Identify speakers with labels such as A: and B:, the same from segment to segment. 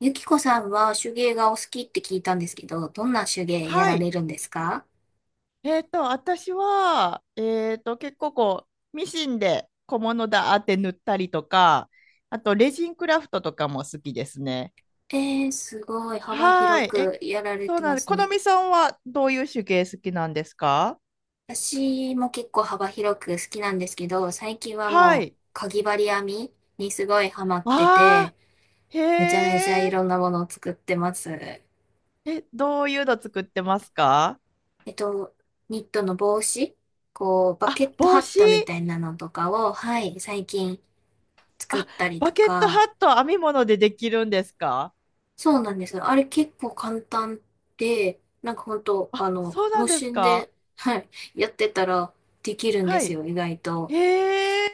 A: ゆきこさんは手芸がお好きって聞いたんですけど、どんな手芸や
B: は
A: ら
B: い。
A: れるんですか？
B: 私は、結構こう、ミシンで小物だーって塗ったりとか、あと、レジンクラフトとかも好きですね。
A: すごい幅
B: は
A: 広
B: い。
A: くやられ
B: そう
A: て
B: な
A: ま
B: んで、
A: す
B: この
A: ね。
B: みさんはどういう手芸好きなんですか？
A: 私も結構幅広く好きなんですけど、最近は
B: は
A: もう、
B: い。
A: かぎ針編みにすごいハマって
B: あ
A: て、
B: ー、
A: めちゃめちゃい
B: へえ。
A: ろんなものを作ってます。
B: え、どういうの作ってますか？
A: っと、ニットの帽子、こう、バケ
B: あ、
A: ットハ
B: 帽
A: ッ
B: 子。
A: トみたいなのとかを、はい、最近作っ
B: あ、
A: たり
B: バ
A: と
B: ケット
A: か、
B: ハット編み物でできるんですか？
A: そうなんですよ。あれ結構簡単で、なんか本当
B: あ、そうなん
A: 無
B: です
A: 心
B: か？
A: で、はい、やってたらできるんで
B: は
A: す
B: い。
A: よ、意外と。
B: へえ。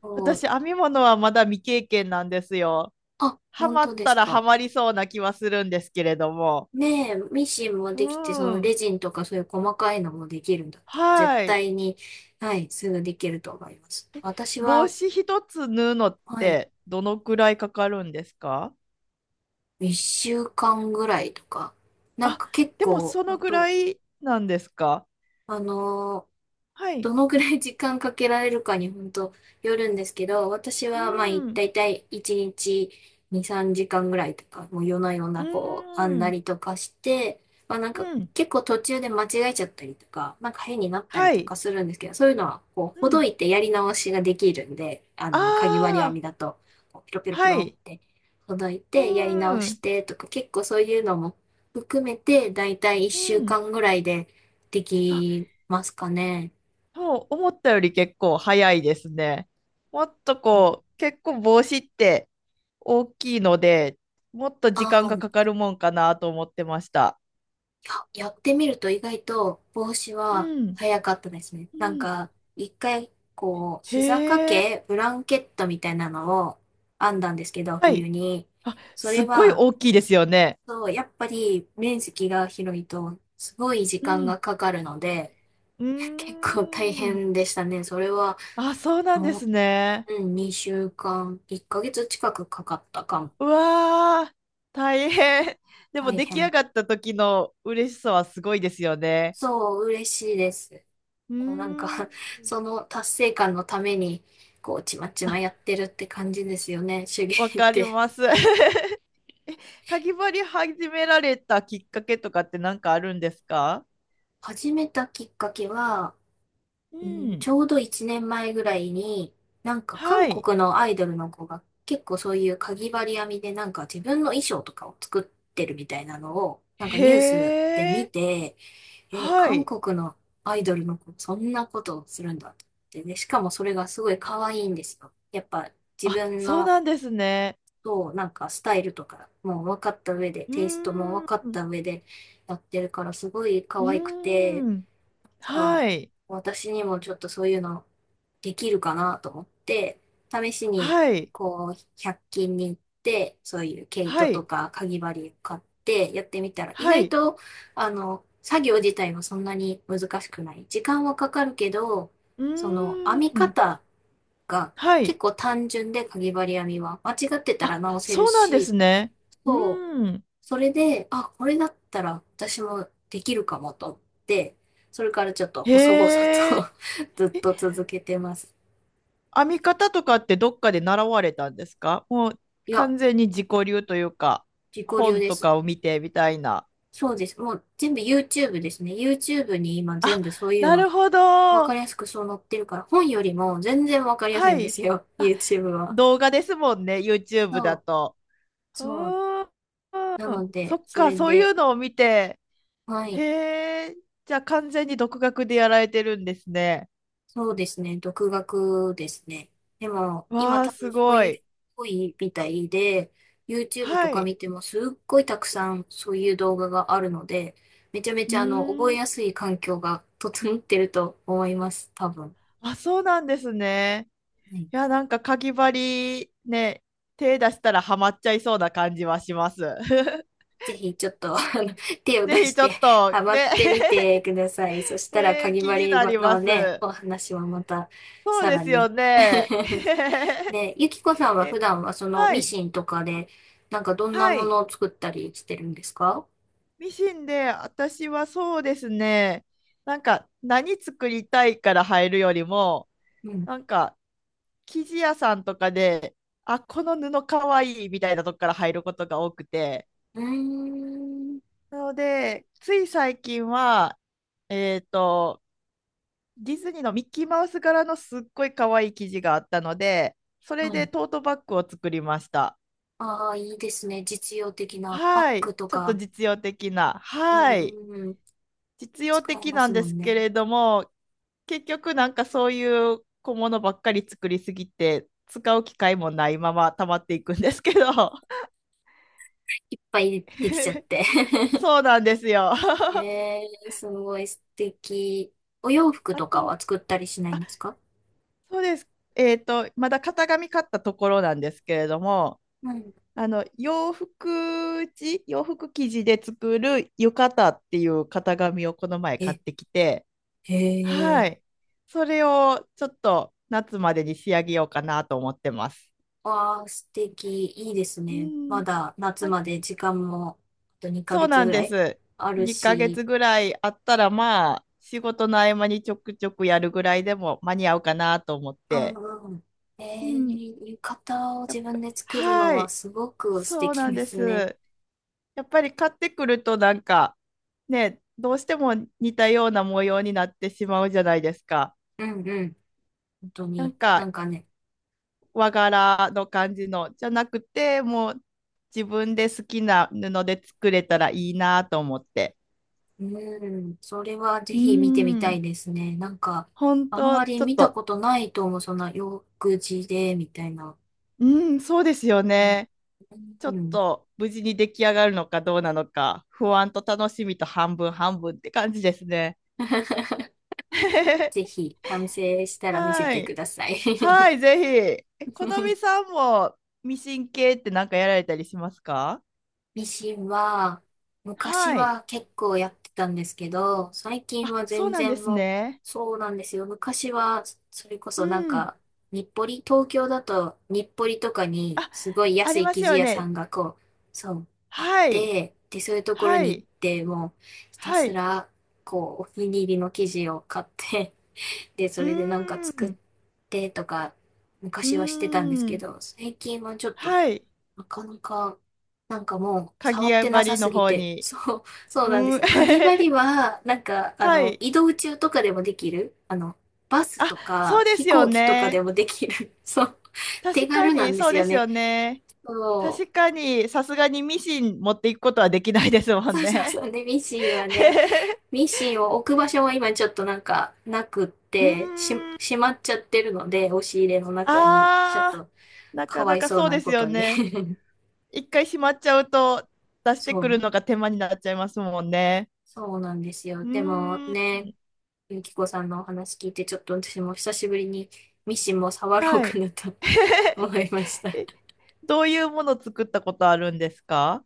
A: そう、
B: 私、編み物はまだ未経験なんですよ。
A: あ、
B: ハ
A: 本
B: マ
A: 当
B: っ
A: で
B: た
A: す
B: らハ
A: か。
B: マりそうな気はするんですけれども。
A: ねえ、ミシンも
B: う
A: できて、そのレ
B: ん。
A: ジンとかそういう細かいのもできるんだったら、絶
B: はい。
A: 対に、はい、すぐできると思います。私
B: 帽
A: は、
B: 子一つ縫うのっ
A: はい、
B: てどのくらいかかるんですか？
A: 一週間ぐらいとか、なん
B: あ、
A: か結
B: でも
A: 構、
B: その
A: 本
B: ぐ
A: 当
B: らいなんですか？
A: あの
B: はい。
A: どのぐらい時間かけられるかに本当よるんですけど、私はまあい
B: うん。
A: 大体1日2、3時間ぐらいとか、もう夜な夜
B: う
A: なこう、編んだ
B: ん。
A: りとかして、まあなんか
B: うん。
A: 結構途中で間違えちゃったりとか、なんか変になったり
B: は
A: と
B: い。
A: かするんですけど、そういうのはこう、
B: う
A: ほど
B: ん。
A: いてやり直しができるんで、
B: あ
A: かぎ針編
B: あ、
A: みだと、こうピロピロピ
B: は
A: ロ
B: い。
A: ってほどい
B: う
A: てやり直し
B: ん。
A: てとか、結構そういうのも含めて、大体
B: う
A: 1週
B: ん。
A: 間ぐらいでで
B: あ、
A: きますかね。
B: そう、思ったより結構早いですね。もっと
A: うん、
B: こう、結構帽子って大きいので、もっと時間
A: あ
B: がか
A: ー、
B: かるもんかなと思ってました。
A: あ、やってみると意外と帽子は
B: うん。
A: 早かったですね。
B: う
A: なん
B: ん。
A: か、一回、こう、膝掛
B: へえ。
A: け、ブランケットみたいなのを編んだんですけど、
B: は
A: 冬
B: い。
A: に。
B: あ、
A: そ
B: す
A: れ
B: っごい
A: は、
B: 大きいですよね。
A: そう、やっぱり面積が広いと、すごい時
B: う
A: 間が
B: ん。
A: かかるので、
B: う
A: 結構大
B: ーん。
A: 変でしたね。それは、
B: あ、そうなんで
A: も
B: すね。
A: う、うん、2週間、1ヶ月近くかかったかも。
B: うわー、大変。でも
A: 大
B: 出来上
A: 変。
B: がった時の嬉しさはすごいですよね。
A: そう、嬉しいです。
B: う
A: なん
B: ーん。
A: か その達成感のために、こう、ちまちま
B: あ、
A: やってるって感じですよね、手芸
B: わ
A: っ
B: かり
A: て。
B: ます。えかぎ針始められたきっかけとかって何かあるんですか？
A: 始めたきっかけは、
B: う
A: うん、
B: ん。
A: ちょうど1年前ぐらいに、なんか韓
B: はい。
A: 国のアイドルの子が結構そういうかぎ針編みでなんか自分の衣装とかを作ってるみたいなのを、なんかニュースで
B: へ
A: 見
B: え。
A: て、
B: は
A: 韓
B: い。
A: 国のアイドルの子、そんなことをするんだって。で、しかもそれがすごい可愛いんですよ。やっぱ自
B: あ、
A: 分
B: そう
A: の
B: なんですね。
A: そう、なんかスタイルとかもう分かった上で、
B: う
A: テイストも分
B: ー
A: かっ
B: ん。
A: た上でやってるから、すごい
B: う
A: 可愛くて、
B: ーん。
A: か、
B: はい。
A: 私にもちょっとそういうのできるかなと思って、試しに、
B: はい。
A: こう、100均に行って、そういう毛
B: は
A: 糸と
B: い。
A: かかぎ針を買ってやってみたら、意
B: は
A: 外
B: い。
A: と、作業自体はそんなに難しくない。時間はかかるけど、
B: う
A: その、編
B: ー
A: み
B: ん。
A: 方が
B: は
A: 結
B: い。
A: 構単純で、かぎ針編みは。間違ってたら
B: あ、
A: 直せる
B: そうなんで
A: し、
B: すね。う
A: そう、
B: ーん。
A: それで、あ、これだったら私もできるかもと思って、それからちょっと細々
B: へえ。
A: と ずっ
B: え、
A: と続けてます。
B: 編み方とかってどっかで習われたんですか？もう
A: いや、
B: 完全に自己流というか、
A: 自己流
B: 本
A: で
B: と
A: す。
B: かを見てみたいな。
A: そうです。もう全部 YouTube ですね。YouTube に今全
B: あ、
A: 部そういう
B: な
A: の、
B: るほ
A: わか
B: ど。
A: りやすくそう載ってるから、本よりも全然わかりやすい
B: は
A: んで
B: い。
A: すよ。
B: あ、
A: YouTube は。
B: 動画ですもんね、YouTube
A: そ
B: だ
A: う、
B: と。う
A: そう。
B: ーん。
A: なの
B: そ
A: で、
B: っ
A: そ
B: か、
A: れ
B: そういう
A: で、
B: のを見て。
A: は
B: へ
A: い。
B: え。じゃあ完全に独学でやられてるんですね。
A: そうですね。独学ですね。でも、今
B: わあ、
A: 多分
B: す
A: そう
B: ご
A: いう
B: い。
A: 人多いみたいで、YouTube と
B: は
A: か
B: い。
A: 見てもすっごいたくさんそういう動画があるので、めちゃめ
B: う
A: ちゃ覚
B: ー
A: え
B: ん。
A: やすい環境が整ってると思います。多分。
B: あ、そうなんですね。
A: はい。
B: いや、なんか、かぎ針ね、手出したらハマっちゃいそうな感じはします。
A: ぜひちょっと、手を出
B: ぜひ
A: し
B: ちょ
A: て
B: っと、
A: ハマっ
B: ね、
A: てみてください。そし たら、
B: え
A: か
B: ー
A: ぎ
B: 気に
A: 針
B: なりま
A: のね、
B: す。
A: お話はまた
B: そう
A: さ
B: で
A: ら
B: す
A: に
B: よね。
A: で、ゆきこさんは普
B: え、
A: 段はその
B: は
A: ミ
B: い、
A: シンとかで、なんかどんな
B: は
A: も
B: い。
A: のを作ったりしてるんですか？
B: ミシンで、私はそうですね。なんか、何作りたいから入るよりも、
A: うん。
B: なんか、生地屋さんとかで、あ、この布かわいいみたいなとこから入ることが多くて、
A: うーん。
B: なので、つい最近は、えっと、ディズニーのミッキーマウス柄のすっごい可愛い生地があったので、それ
A: は
B: で
A: い。
B: トートバッグを作りました。
A: ああ、いいですね。実用的なバッ
B: はい。
A: グと
B: ちょっと
A: か、
B: 実用的な。
A: うん
B: はい。
A: うんうん。
B: 実用
A: 使え
B: 的
A: ま
B: なん
A: す
B: で
A: も
B: す
A: ん
B: け
A: ね。
B: れども、結局なんかそういう小物ばっかり作りすぎて、使う機会もないまま溜まっていくんですけど。
A: いっぱいできちゃっ て。
B: そうなんですよ。
A: えー、すごい素敵。お洋服
B: あ
A: とかは
B: と、
A: 作ったりしないんですか？
B: そうです。まだ型紙買ったところなんですけれども、
A: うん。
B: あの洋服地洋服生地で作る浴衣っていう型紙をこの前買っ
A: え、
B: てきて、
A: へえ。
B: はい、それをちょっと夏までに仕上げようかなと思ってます。
A: わあ、素敵。いいです
B: う
A: ね。ま
B: ん、
A: だ夏
B: あ
A: まで時間もあと2
B: そ
A: ヶ
B: う
A: 月
B: なん
A: ぐら
B: で
A: い
B: す。
A: ある
B: 2ヶ
A: し。
B: 月ぐらいあったらまあ仕事の合間にちょくちょくやるぐらいでも間に合うかなと思っ
A: う
B: て。
A: んうん。
B: う
A: え
B: ん、
A: ー、浴衣を
B: や
A: 自
B: っぱ、
A: 分で作るの
B: は
A: は
B: い、
A: すごく素
B: そう
A: 敵
B: なん
A: で
B: で
A: すね。
B: す。やっぱり買ってくるとなんかね、どうしても似たような模様になってしまうじゃないですか。
A: うんうん。本当
B: なん
A: に。な
B: か
A: んかね。
B: 和柄の感じのじゃなくて、もう自分で好きな布で作れたらいいなと思って。
A: うん。それはぜ
B: うー
A: ひ見てみたい
B: ん、
A: ですね。なんか、
B: 本
A: あん
B: 当
A: ま
B: ち
A: り
B: ょっ
A: 見た
B: と、
A: ことないと思う。そんな洋服地で、みたいな。
B: うーん、そうですよ
A: えー、
B: ね。ちょっ
A: うん。
B: と無事に出来上がるのかどうなのか、不安と楽しみと半分半分って感じですね。
A: ぜ ひ、完成したら見せ
B: は
A: てく
B: い。
A: ださい。
B: はい、ぜ ひ。え、このみさんもミシン系ってなんかやられたりしますか？
A: ミシンは、昔
B: はい。
A: は結構やってたんですけど、最近は
B: あ、そう
A: 全
B: なんで
A: 然
B: す
A: もう、
B: ね。
A: そうなんですよ。昔は、それこ
B: う
A: そなん
B: ん。
A: か、日暮里、東京だと日暮里とかに、
B: あ、
A: すごい
B: あ
A: 安
B: り
A: い
B: ま
A: 生
B: す
A: 地
B: よ
A: 屋さ
B: ね。
A: んがこう、そう、あっ
B: はい。
A: て、で、そういうところ
B: は
A: に行っ
B: い。
A: て、もう、ひた
B: は
A: す
B: い。
A: ら、こう、お気に入りの生地を買って、で、そ
B: う
A: れでなんか
B: ー
A: 作っ
B: ん。
A: てとか、
B: う
A: 昔はしてたんです
B: ー
A: け
B: ん。
A: ど、最近はちょっと
B: はい。
A: なかなか、なんかもう、触
B: 鍵
A: っ
B: や
A: てなさ
B: 針の
A: すぎ
B: 方
A: て。
B: に。
A: そう、そうなんで
B: う
A: す
B: ん。
A: よ。かぎ針は、なんか、
B: はい。
A: 移動中とかでもできる。バス
B: あ、
A: と
B: そ
A: か、
B: うで
A: 飛
B: すよ
A: 行機とかで
B: ね。
A: もできる。そう、手
B: 確か
A: 軽な
B: に、
A: んで
B: そう
A: す
B: で
A: よ
B: すよ
A: ね。
B: ね。
A: そう。
B: 確かに、さすがにミシン持っていくことはできないですもん
A: そうそう
B: ね。
A: そう。で、ミシンはね、ミシンを置く場所は今ちょっとなんか、なくっ
B: うー
A: て、
B: ん。
A: しまっちゃってるので、押し入れの中に、ちょっ
B: あ
A: と、
B: ー、な
A: か
B: か
A: わ
B: な
A: い
B: か
A: そう
B: そう
A: な
B: です
A: こ
B: よ
A: とに
B: ね。一回しまっちゃうと出 して
A: そ
B: くる
A: う。
B: のが手間になっちゃいますもんね。
A: そうなんですよ。
B: う
A: でも
B: ーん。
A: ね、ゆきこさんのお話聞いて、ちょっと私も久しぶりにミシンも触ろう
B: は
A: か
B: い。
A: なと 思いました。
B: え、どういうもの作ったことあるんですか？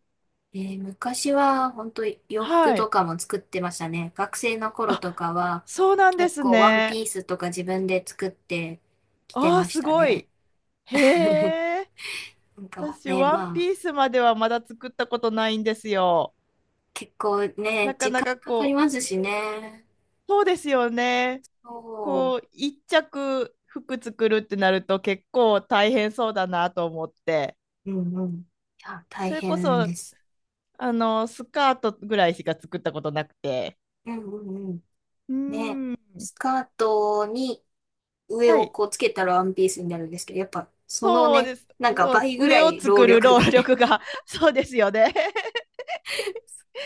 A: えー昔は本当洋服
B: は
A: と
B: い。
A: かも作ってましたね。学生の頃と
B: あ、
A: かは
B: そうなんで
A: 結
B: す
A: 構ワン
B: ね。
A: ピースとか自分で作ってきて
B: ああ
A: まし
B: す
A: た
B: ご
A: ね。
B: い。へ え。
A: なんか
B: 私、
A: ね、
B: ワン
A: ま
B: ピー
A: あ
B: スまではまだ作ったことないんですよ。
A: 結構ね、
B: なか
A: 時
B: な
A: 間
B: か
A: かかり
B: こ
A: ます
B: う、
A: しね。
B: そうですよね。
A: そ
B: こう、一着服作るってなると結構大変そうだなと思って、
A: う。うんうん。いや、大
B: それこ
A: 変
B: そ、
A: です。
B: スカートぐらいしか作ったことなくて、
A: うんうんうん。
B: う
A: ね、
B: ーん。
A: スカートに上
B: は
A: を
B: い、
A: こうつけたらワンピースになるんですけど、やっぱその
B: そう
A: ね、
B: です。
A: なんか
B: そう、
A: 倍ぐら
B: 上を
A: い労
B: 作る
A: 力
B: 労
A: がね。
B: 力が そうですよね。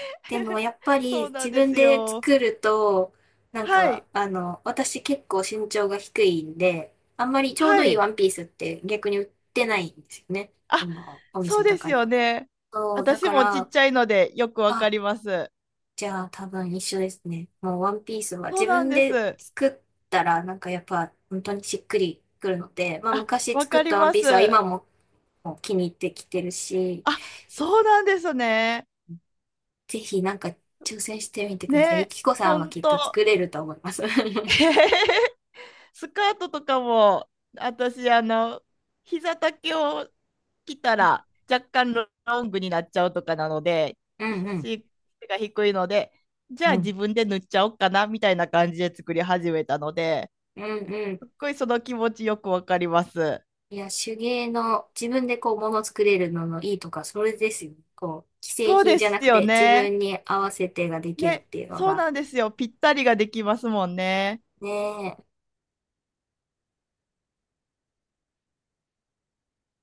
A: でも やっぱ
B: そう
A: り
B: な
A: 自
B: んで
A: 分
B: す
A: で
B: よ。
A: 作ると、なん
B: は
A: か
B: い、
A: 私結構身長が低いんで、あんまりちょう
B: は
A: どいいワ
B: い。
A: ンピースって逆に売ってないんですよね。
B: あ、
A: お
B: そ
A: 店
B: う
A: と
B: です
A: かに
B: よ
A: は。
B: ね。
A: そう、だ
B: 私
A: か
B: もちっ
A: ら、
B: ちゃいのでよくわか
A: あ、
B: ります。
A: じゃあ多分一緒ですね。もうワンピースは
B: そう
A: 自
B: なん
A: 分
B: で
A: で
B: す。
A: 作ったらなんかやっぱ本当にしっくりくるので、まあ
B: あ、
A: 昔
B: わ
A: 作
B: か
A: っ
B: り
A: たワン
B: ま
A: ピースは
B: す。
A: 今ももう気に入ってきてるし、
B: あ、そうなんですね。
A: ぜひなんか挑戦してみてください。ゆ
B: ね、
A: きこさ
B: ほ
A: んは
B: ん
A: きっと
B: と。
A: 作れると思います。う
B: スカートとかも、私、膝丈を着たら若干ロングになっちゃうとかなので、
A: んうん。
B: 背が低いので、じゃ
A: う
B: あ自
A: ん。
B: 分で塗っちゃおうかなみたいな感じで作り始めたので、
A: うんうん。
B: すっごいその気持ちよくわかります。
A: いや、手芸の自分でこう物作れるののいいとか、それですよ。こう、既製
B: そう
A: 品
B: で
A: じゃな
B: す
A: く
B: よ
A: て自
B: ね。
A: 分に合わせてができるっ
B: ね、
A: ていうの
B: そう
A: が。
B: なんですよ。ぴったりができますもんね。
A: ねえ。